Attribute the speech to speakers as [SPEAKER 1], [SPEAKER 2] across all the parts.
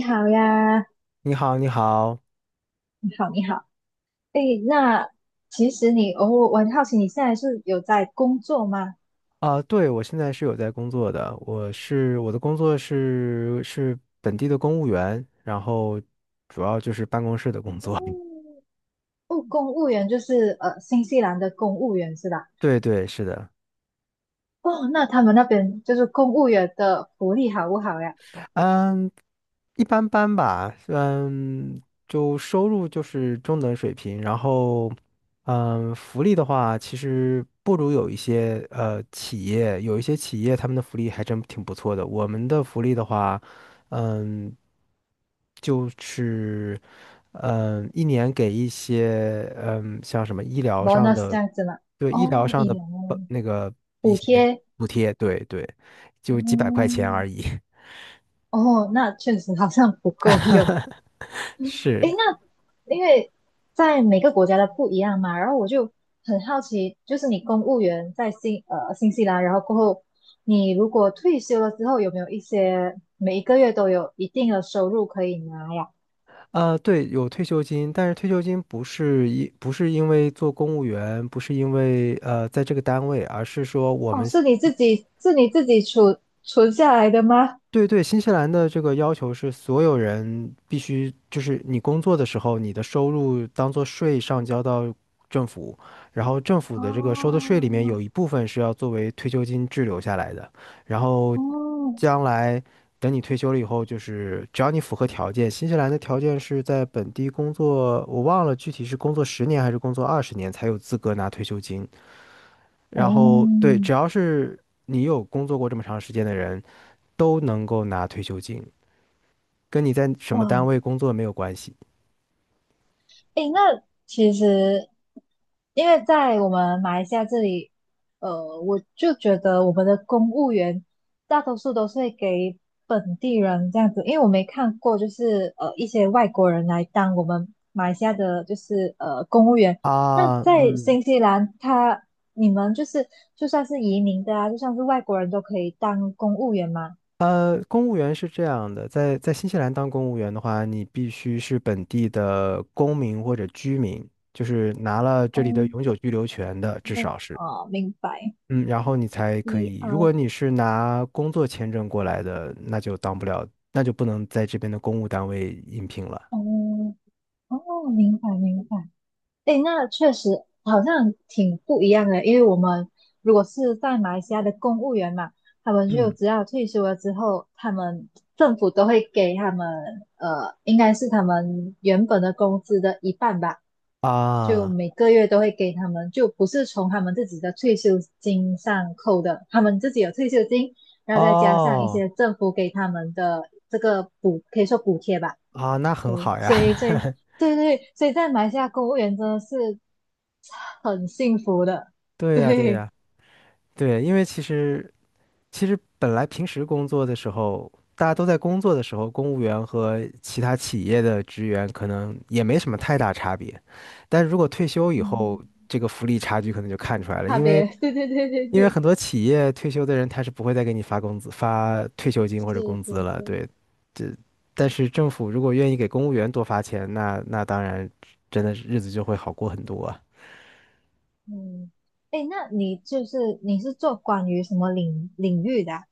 [SPEAKER 1] 你好呀，
[SPEAKER 2] 你好，你好。
[SPEAKER 1] 你好，你好。诶，那其实你，哦，我很好奇，你现在是有在工作吗？
[SPEAKER 2] 啊，对，我现在是有在工作的，我的工作是本地的公务员，然后主要就是办公室的工作。
[SPEAKER 1] 嗯。 哦，公务员就是新西兰的公务员是吧？
[SPEAKER 2] 对对，是的。
[SPEAKER 1] 哦，那他们那边就是公务员的福利好不好呀
[SPEAKER 2] 嗯，一般般吧，就收入就是中等水平，然后，福利的话，其实不如有一些企业，有一些企业他们的福利还真挺不错的。我们的福利的话，嗯，就是，一年给一些，像什么医疗上
[SPEAKER 1] ？Bonus 这
[SPEAKER 2] 的，
[SPEAKER 1] 样子吗？
[SPEAKER 2] 对，医疗
[SPEAKER 1] 哦，
[SPEAKER 2] 上
[SPEAKER 1] 医
[SPEAKER 2] 的
[SPEAKER 1] 疗哦，
[SPEAKER 2] 那个一
[SPEAKER 1] 补
[SPEAKER 2] 些
[SPEAKER 1] 贴，
[SPEAKER 2] 补贴，对对，就几百块钱
[SPEAKER 1] 嗯，
[SPEAKER 2] 而已，
[SPEAKER 1] 哦，那确实好像不够用。诶，
[SPEAKER 2] 是。
[SPEAKER 1] 那因为在每个国家的不一样嘛，然后我就很好奇，就是你公务员在新西兰，然后过后你如果退休了之后，有没有一些每一个月都有一定的收入可以拿呀？
[SPEAKER 2] 啊，对，有退休金，但是退休金不是因为做公务员，不是因为在这个单位，而是说我
[SPEAKER 1] 哦，
[SPEAKER 2] 们
[SPEAKER 1] 是你自己存下来的吗？
[SPEAKER 2] 对对，新西兰的这个要求是所有人必须，就是你工作的时候，你的收入当做税上交到政府，然后政府的这个收的税里面
[SPEAKER 1] 哦。
[SPEAKER 2] 有一部分是要作为退休金滞留下来的，然后
[SPEAKER 1] 哦。
[SPEAKER 2] 将来等你退休了以后，就是只要你符合条件，新西兰的条件是在本地工作，我忘了具体是工作十年还是工作20年才有资格拿退休金，然后对，只
[SPEAKER 1] 哦。
[SPEAKER 2] 要是你有工作过这么长时间的人，都能够拿退休金，跟你在什么
[SPEAKER 1] 哇，
[SPEAKER 2] 单位工作没有关系
[SPEAKER 1] 诶，那其实因为在我们马来西亚这里，呃，我就觉得我们的公务员大多数都是会给本地人这样子，因为我没看过，就是一些外国人来当我们马来西亚的，就是公务员。那
[SPEAKER 2] 啊。
[SPEAKER 1] 在新西兰，他你们就是就算是移民的啊，就算是外国人都可以当公务员吗？
[SPEAKER 2] 公务员是这样的，在新西兰当公务员的话，你必须是本地的公民或者居民，就是拿了这
[SPEAKER 1] 哦，
[SPEAKER 2] 里的永久居留权的，至
[SPEAKER 1] 那
[SPEAKER 2] 少是。
[SPEAKER 1] 哦，明白
[SPEAKER 2] 嗯，然后你才可以。如果
[SPEAKER 1] ，PR，
[SPEAKER 2] 你是拿工作签证过来的，那就当不了，那就不能在这边的公务单位应聘了。
[SPEAKER 1] 哦，哦，明白明白。诶，那确实好像挺不一样的，因为我们如果是在马来西亚的公务员嘛，他们就
[SPEAKER 2] 嗯
[SPEAKER 1] 只要退休了之后，他们政府都会给他们应该是他们原本的工资的一半吧，就
[SPEAKER 2] 啊，
[SPEAKER 1] 每个月都会给他们，就不是从他们自己的退休金上扣的，他们自己有退休金，然后再加上一
[SPEAKER 2] 哦
[SPEAKER 1] 些政府给他们的这个补，可以说补贴吧，
[SPEAKER 2] 啊，那很
[SPEAKER 1] 对，
[SPEAKER 2] 好呀。
[SPEAKER 1] 所以 所以。对对，所以在马来西亚，公务员真的是很幸福的，
[SPEAKER 2] 对呀，对
[SPEAKER 1] 对，
[SPEAKER 2] 呀。对，因为其实本来平时工作的时候，大家都在工作的时候，公务员和其他企业的职员可能也没什么太大差别。但如果退休以
[SPEAKER 1] 嗯，
[SPEAKER 2] 后，这个福利差距可能就看出来了，
[SPEAKER 1] 差
[SPEAKER 2] 因为
[SPEAKER 1] 别，对对对对对，
[SPEAKER 2] 很多企业退休的人他是不会再给你发工资、发退休金或者
[SPEAKER 1] 是
[SPEAKER 2] 工资
[SPEAKER 1] 是
[SPEAKER 2] 了。
[SPEAKER 1] 是，
[SPEAKER 2] 对，这但是政府如果愿意给公务员多发钱，那当然真的是日子就会好过很多啊。
[SPEAKER 1] 嗯，哎，那你就是你是做关于什么领域的啊？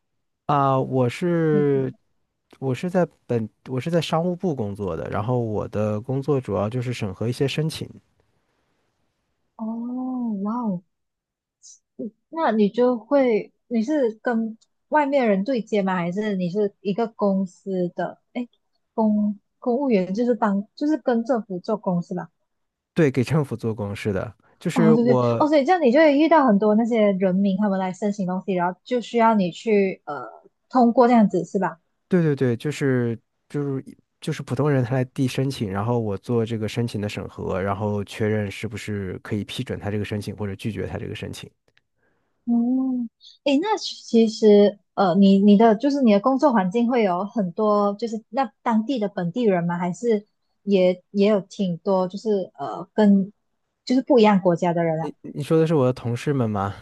[SPEAKER 2] 啊，我
[SPEAKER 1] 你。
[SPEAKER 2] 是我是在本我是在商务部工作的，然后我的工作主要就是审核一些申请，
[SPEAKER 1] 哦，哇哦，那你就会你是跟外面人对接吗？还是你是一个公司的？哎，公务员就是当就是跟政府做公司吧？
[SPEAKER 2] 对，给政府做公示的，就是
[SPEAKER 1] 哦，对对，
[SPEAKER 2] 我，
[SPEAKER 1] 哦，所以这样你就会遇到很多那些人民他们来申请东西，然后就需要你去通过这样子是吧？
[SPEAKER 2] 对对对，就是就是普通人他来递申请，然后我做这个申请的审核，然后确认是不是可以批准他这个申请或者拒绝他这个申请。
[SPEAKER 1] 嗯，诶，那其实呃，你你的就是你的工作环境会有很多就是那当地的本地人吗？还是也有挺多就是跟就是不一样国家的人啊？
[SPEAKER 2] 你说的是我的同事们吗？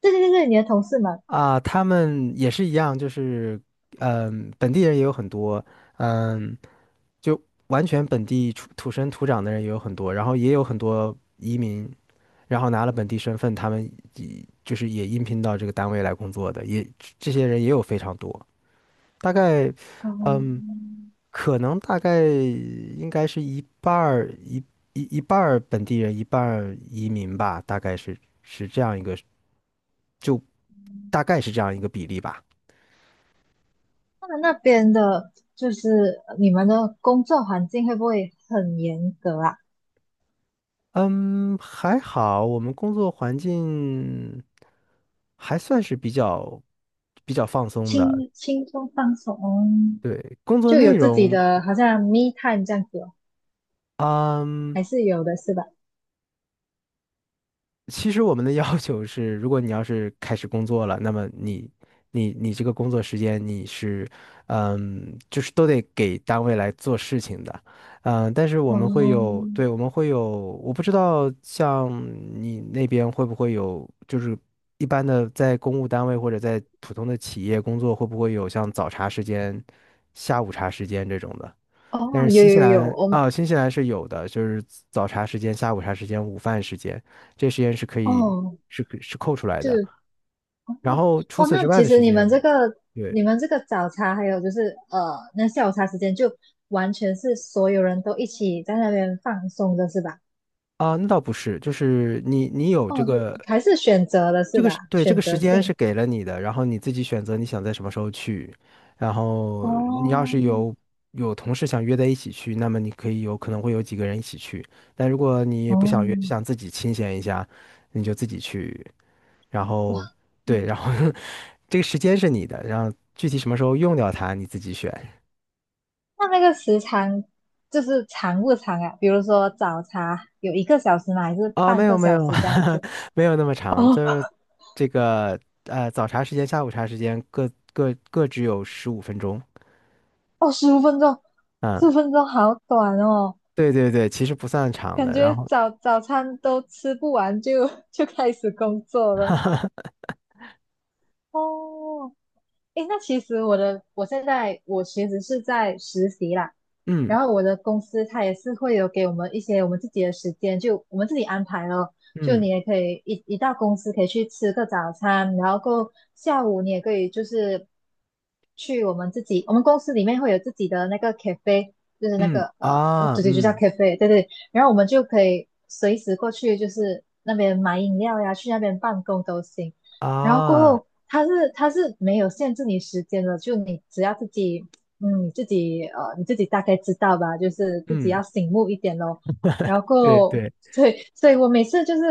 [SPEAKER 1] 对对对对，你的同事们，
[SPEAKER 2] 啊，他们也是一样，就是本地人也有很多。嗯。就完全本地出土生土长的人也有很多，然后也有很多移民，然后拿了本地身份，他们也就是也应聘到这个单位来工作的，也这些人也有非常多，大概，嗯，
[SPEAKER 1] 哦。
[SPEAKER 2] 可能大概应该是一半儿本地人，一半儿移民吧，大概是这样一个，就大概是这样一个比例吧。
[SPEAKER 1] 他们那边的就是你们的工作环境会不会很严格啊？
[SPEAKER 2] 嗯，还好，我们工作环境还算是比较放松的。
[SPEAKER 1] 轻松放松，哦，
[SPEAKER 2] 对，工作
[SPEAKER 1] 就有
[SPEAKER 2] 内
[SPEAKER 1] 自己
[SPEAKER 2] 容，
[SPEAKER 1] 的好像 me time 这样子哦，
[SPEAKER 2] 嗯。
[SPEAKER 1] 还是有的是吧？
[SPEAKER 2] 其实我们的要求是，如果你要是开始工作了，那么你这个工作时间你是，就是都得给单位来做事情的，但是我
[SPEAKER 1] 哦。
[SPEAKER 2] 们会有，对，我们会有，我不知道像你那边会不会有，就是一般的在公务单位或者在普通的企业工作，会不会有像早茶时间、下午茶时间这种的？
[SPEAKER 1] 哦，
[SPEAKER 2] 但是
[SPEAKER 1] 有
[SPEAKER 2] 新西
[SPEAKER 1] 有有，
[SPEAKER 2] 兰
[SPEAKER 1] 我。
[SPEAKER 2] 啊，新西兰是有的，就是早茶时间、下午茶时间、午饭时间，这时间是可以
[SPEAKER 1] 哦，
[SPEAKER 2] 是可是扣出来的。
[SPEAKER 1] 对，哦，
[SPEAKER 2] 然后除
[SPEAKER 1] 哦，
[SPEAKER 2] 此之
[SPEAKER 1] 那
[SPEAKER 2] 外
[SPEAKER 1] 其
[SPEAKER 2] 的
[SPEAKER 1] 实
[SPEAKER 2] 时
[SPEAKER 1] 你
[SPEAKER 2] 间，
[SPEAKER 1] 们这个
[SPEAKER 2] 对
[SPEAKER 1] 你们这个早茶还有就是那下午茶时间就完全是所有人都一起在那边放松的是吧？
[SPEAKER 2] 啊，那倒不是，就是你有
[SPEAKER 1] 哦，就还是选择的是吧？
[SPEAKER 2] 这
[SPEAKER 1] 选
[SPEAKER 2] 个时
[SPEAKER 1] 择
[SPEAKER 2] 间
[SPEAKER 1] 性。
[SPEAKER 2] 是给了你的，然后你自己选择你想在什么时候去，然后你要
[SPEAKER 1] 哦。
[SPEAKER 2] 是有同事想约在一起去，那么你可以有可能会有几个人一起去，但如果你不
[SPEAKER 1] 哦。
[SPEAKER 2] 想约，就想自己清闲一下，你就自己去。然后
[SPEAKER 1] 哇。
[SPEAKER 2] 对，然后 这个时间是你的，然后具体什么时候用掉它你自己选。
[SPEAKER 1] 那那个时长就是长不长啊？比如说早茶有一个小时吗？还是
[SPEAKER 2] 啊，没
[SPEAKER 1] 半个
[SPEAKER 2] 有没
[SPEAKER 1] 小
[SPEAKER 2] 有
[SPEAKER 1] 时这样 子？
[SPEAKER 2] 没有那么长，
[SPEAKER 1] 哦。
[SPEAKER 2] 就是这个早茶时间、下午茶时间各只有15分钟。
[SPEAKER 1] 哦，十五分钟，十五
[SPEAKER 2] 嗯，
[SPEAKER 1] 分钟好短哦，
[SPEAKER 2] 对对对，其实不算长
[SPEAKER 1] 感
[SPEAKER 2] 的。
[SPEAKER 1] 觉
[SPEAKER 2] 然后
[SPEAKER 1] 早餐都吃不完就 就开始工作了。哦，诶，那其实我的我现在我其实是在实习啦，
[SPEAKER 2] 嗯
[SPEAKER 1] 然后我的公司它也是会有给我们一些我们自己的时间，就我们自己安排咯。就
[SPEAKER 2] 嗯
[SPEAKER 1] 你也可以一到公司可以去吃个早餐，然后过后下午你也可以就是去我们自己，我们公司里面会有自己的那个 cafe，就是那
[SPEAKER 2] 嗯
[SPEAKER 1] 个
[SPEAKER 2] 啊
[SPEAKER 1] 主题就叫
[SPEAKER 2] 嗯
[SPEAKER 1] cafe，对对。然后我们就可以随时过去，就是那边买饮料呀，去那边办公都行。然后过
[SPEAKER 2] 啊
[SPEAKER 1] 后，它是没有限制你时间的，就你只要自己嗯，你自己大概知道吧，就是自己
[SPEAKER 2] 嗯，
[SPEAKER 1] 要醒目一点咯。然
[SPEAKER 2] 对
[SPEAKER 1] 后，
[SPEAKER 2] 对
[SPEAKER 1] 所以我每次就是，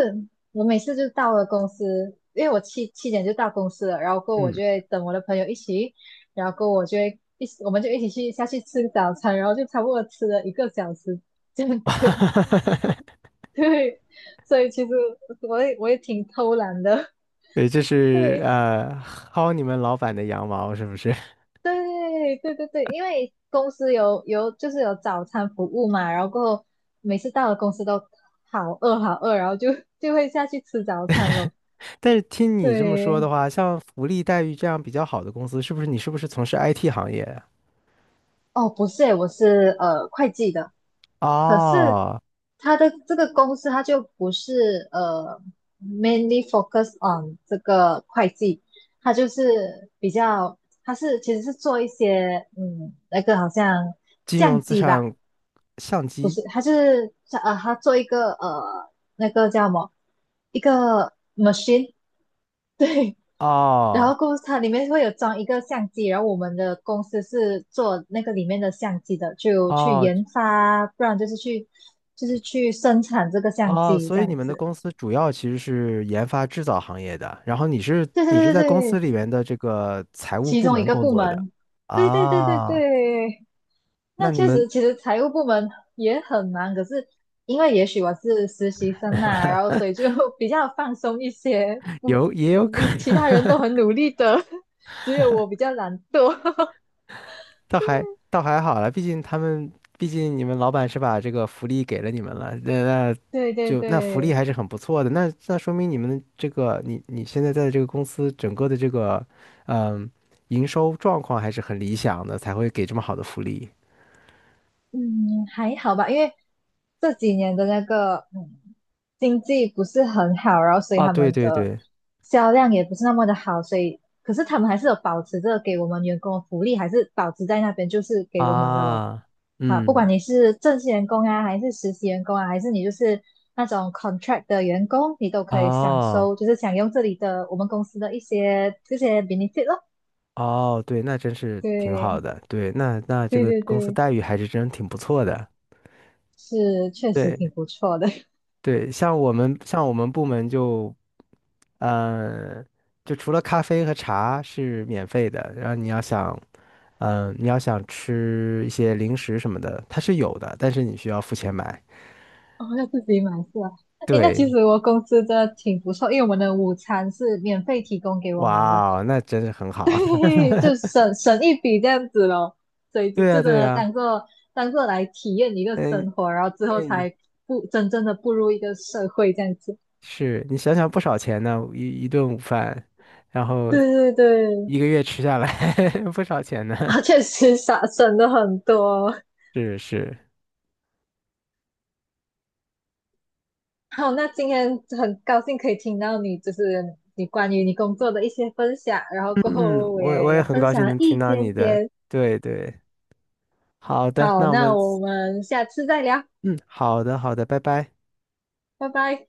[SPEAKER 1] 我每次就到了公司，因为我七点就到公司了，然后我
[SPEAKER 2] 嗯
[SPEAKER 1] 就会等我的朋友一起，然后我就会一起，我们就一起去下去吃早餐，然后就差不多吃了一个小时这样子。对，所以其实我也挺偷懒的，
[SPEAKER 2] 对，这 是
[SPEAKER 1] 对。
[SPEAKER 2] 薅你们老板的羊毛是不是？
[SPEAKER 1] 对对对对，因为公司就是有早餐服务嘛，然后过后每次到了公司都好饿好饿，然后就 就会下去吃早餐咯。
[SPEAKER 2] 但是听你这么说的
[SPEAKER 1] 对，
[SPEAKER 2] 话，像福利待遇这样比较好的公司，你是不是从事 IT 行业啊？
[SPEAKER 1] 哦，不是诶，我是会计的，可是
[SPEAKER 2] 哦，
[SPEAKER 1] 他的这个公司它就不是mainly focus on 这个会计，它就是比较它是其实是做一些那个好像
[SPEAKER 2] 金融
[SPEAKER 1] 相
[SPEAKER 2] 资
[SPEAKER 1] 机吧。
[SPEAKER 2] 产相
[SPEAKER 1] 不
[SPEAKER 2] 机。
[SPEAKER 1] 是，它是他做一个那个叫什么，一个 machine，对，然
[SPEAKER 2] 哦
[SPEAKER 1] 后公司它里面会有装一个相机，然后我们的公司是做那个里面的相机的，就去
[SPEAKER 2] 哦
[SPEAKER 1] 研发，不然就是去生产这个相
[SPEAKER 2] 哦，
[SPEAKER 1] 机这
[SPEAKER 2] 所以你
[SPEAKER 1] 样
[SPEAKER 2] 们的
[SPEAKER 1] 子。
[SPEAKER 2] 公司主要其实是研发制造行业的，然后你是
[SPEAKER 1] 对对
[SPEAKER 2] 你是
[SPEAKER 1] 对对
[SPEAKER 2] 在公司
[SPEAKER 1] 对，
[SPEAKER 2] 里面的这个财务
[SPEAKER 1] 其
[SPEAKER 2] 部
[SPEAKER 1] 中一
[SPEAKER 2] 门
[SPEAKER 1] 个
[SPEAKER 2] 工
[SPEAKER 1] 部
[SPEAKER 2] 作的。
[SPEAKER 1] 门。对对对对
[SPEAKER 2] 啊，
[SPEAKER 1] 对，
[SPEAKER 2] 那
[SPEAKER 1] 那
[SPEAKER 2] 你
[SPEAKER 1] 确
[SPEAKER 2] 们
[SPEAKER 1] 实，其实财务部门也很忙，可是因为也许我是实习生呐，然后所以就 比较放松一些。不
[SPEAKER 2] 也有可
[SPEAKER 1] 不，其他人都
[SPEAKER 2] 能。
[SPEAKER 1] 很 努力的，只有我比较懒惰。
[SPEAKER 2] 倒还好了，毕竟你们老板是把这个福利给了你们了，那
[SPEAKER 1] 对对
[SPEAKER 2] 那福利
[SPEAKER 1] 对。
[SPEAKER 2] 还是很不错的，那说明你们这个你现在在这个公司整个的这个嗯营收状况还是很理想的，才会给这么好的福利。
[SPEAKER 1] 嗯，还好吧，因为这几年的那个经济不是很好，然后所以
[SPEAKER 2] 啊，
[SPEAKER 1] 他
[SPEAKER 2] 对
[SPEAKER 1] 们
[SPEAKER 2] 对
[SPEAKER 1] 的
[SPEAKER 2] 对，
[SPEAKER 1] 销量也不是那么的好，所以可是他们还是有保持着给我们员工的福利，还是保持在那边就是给我们的咯。
[SPEAKER 2] 啊，
[SPEAKER 1] 啊，不管
[SPEAKER 2] 嗯，
[SPEAKER 1] 你是正式员工啊，还是实习员工啊，还是你就是那种 contract 的员工，你都可以享受，
[SPEAKER 2] 哦
[SPEAKER 1] 就是享用这里的我们公司的一些这些 benefit 咯。
[SPEAKER 2] 哦，对，那真是挺
[SPEAKER 1] 对，
[SPEAKER 2] 好的，对，那这
[SPEAKER 1] 对
[SPEAKER 2] 个
[SPEAKER 1] 对
[SPEAKER 2] 公司
[SPEAKER 1] 对，
[SPEAKER 2] 待遇还是真挺不错的。
[SPEAKER 1] 是确实
[SPEAKER 2] 对
[SPEAKER 1] 挺不错的。
[SPEAKER 2] 对，像我们部门嗯，就除了咖啡和茶是免费的，然后你要想吃一些零食什么的，它是有的，但是你需要付钱买。
[SPEAKER 1] 哦，要自己买是吧？诶，那其
[SPEAKER 2] 对，
[SPEAKER 1] 实我公司的挺不错，因为我们的午餐是免费提供给我们的，
[SPEAKER 2] 哇哦，那真的很 好。
[SPEAKER 1] 对，就省一笔这样子咯。所以就
[SPEAKER 2] 对
[SPEAKER 1] 就
[SPEAKER 2] 呀，
[SPEAKER 1] 真
[SPEAKER 2] 对
[SPEAKER 1] 的
[SPEAKER 2] 呀，
[SPEAKER 1] 当做当做来体验一个
[SPEAKER 2] 嗯，
[SPEAKER 1] 生活，然后之后
[SPEAKER 2] 对，
[SPEAKER 1] 才真正的步入一个社会这样子。
[SPEAKER 2] 是你想想不少钱呢，一顿午饭，然后
[SPEAKER 1] 对对对，
[SPEAKER 2] 一个月吃下来 不少钱呢。
[SPEAKER 1] 啊，确实省了很多。
[SPEAKER 2] 是是，
[SPEAKER 1] 好，那今天很高兴可以听到你，就是你关于你工作的一些分享，然后
[SPEAKER 2] 嗯
[SPEAKER 1] 过
[SPEAKER 2] 嗯，
[SPEAKER 1] 后我
[SPEAKER 2] 我
[SPEAKER 1] 也
[SPEAKER 2] 我也
[SPEAKER 1] 有
[SPEAKER 2] 很
[SPEAKER 1] 分
[SPEAKER 2] 高
[SPEAKER 1] 享
[SPEAKER 2] 兴
[SPEAKER 1] 了
[SPEAKER 2] 能
[SPEAKER 1] 一
[SPEAKER 2] 听到
[SPEAKER 1] 点
[SPEAKER 2] 你的，
[SPEAKER 1] 点。
[SPEAKER 2] 对对，好的，
[SPEAKER 1] 好，
[SPEAKER 2] 那我
[SPEAKER 1] 那
[SPEAKER 2] 们，
[SPEAKER 1] 我们下次再聊，
[SPEAKER 2] 嗯，好的好的，拜拜。
[SPEAKER 1] 拜拜。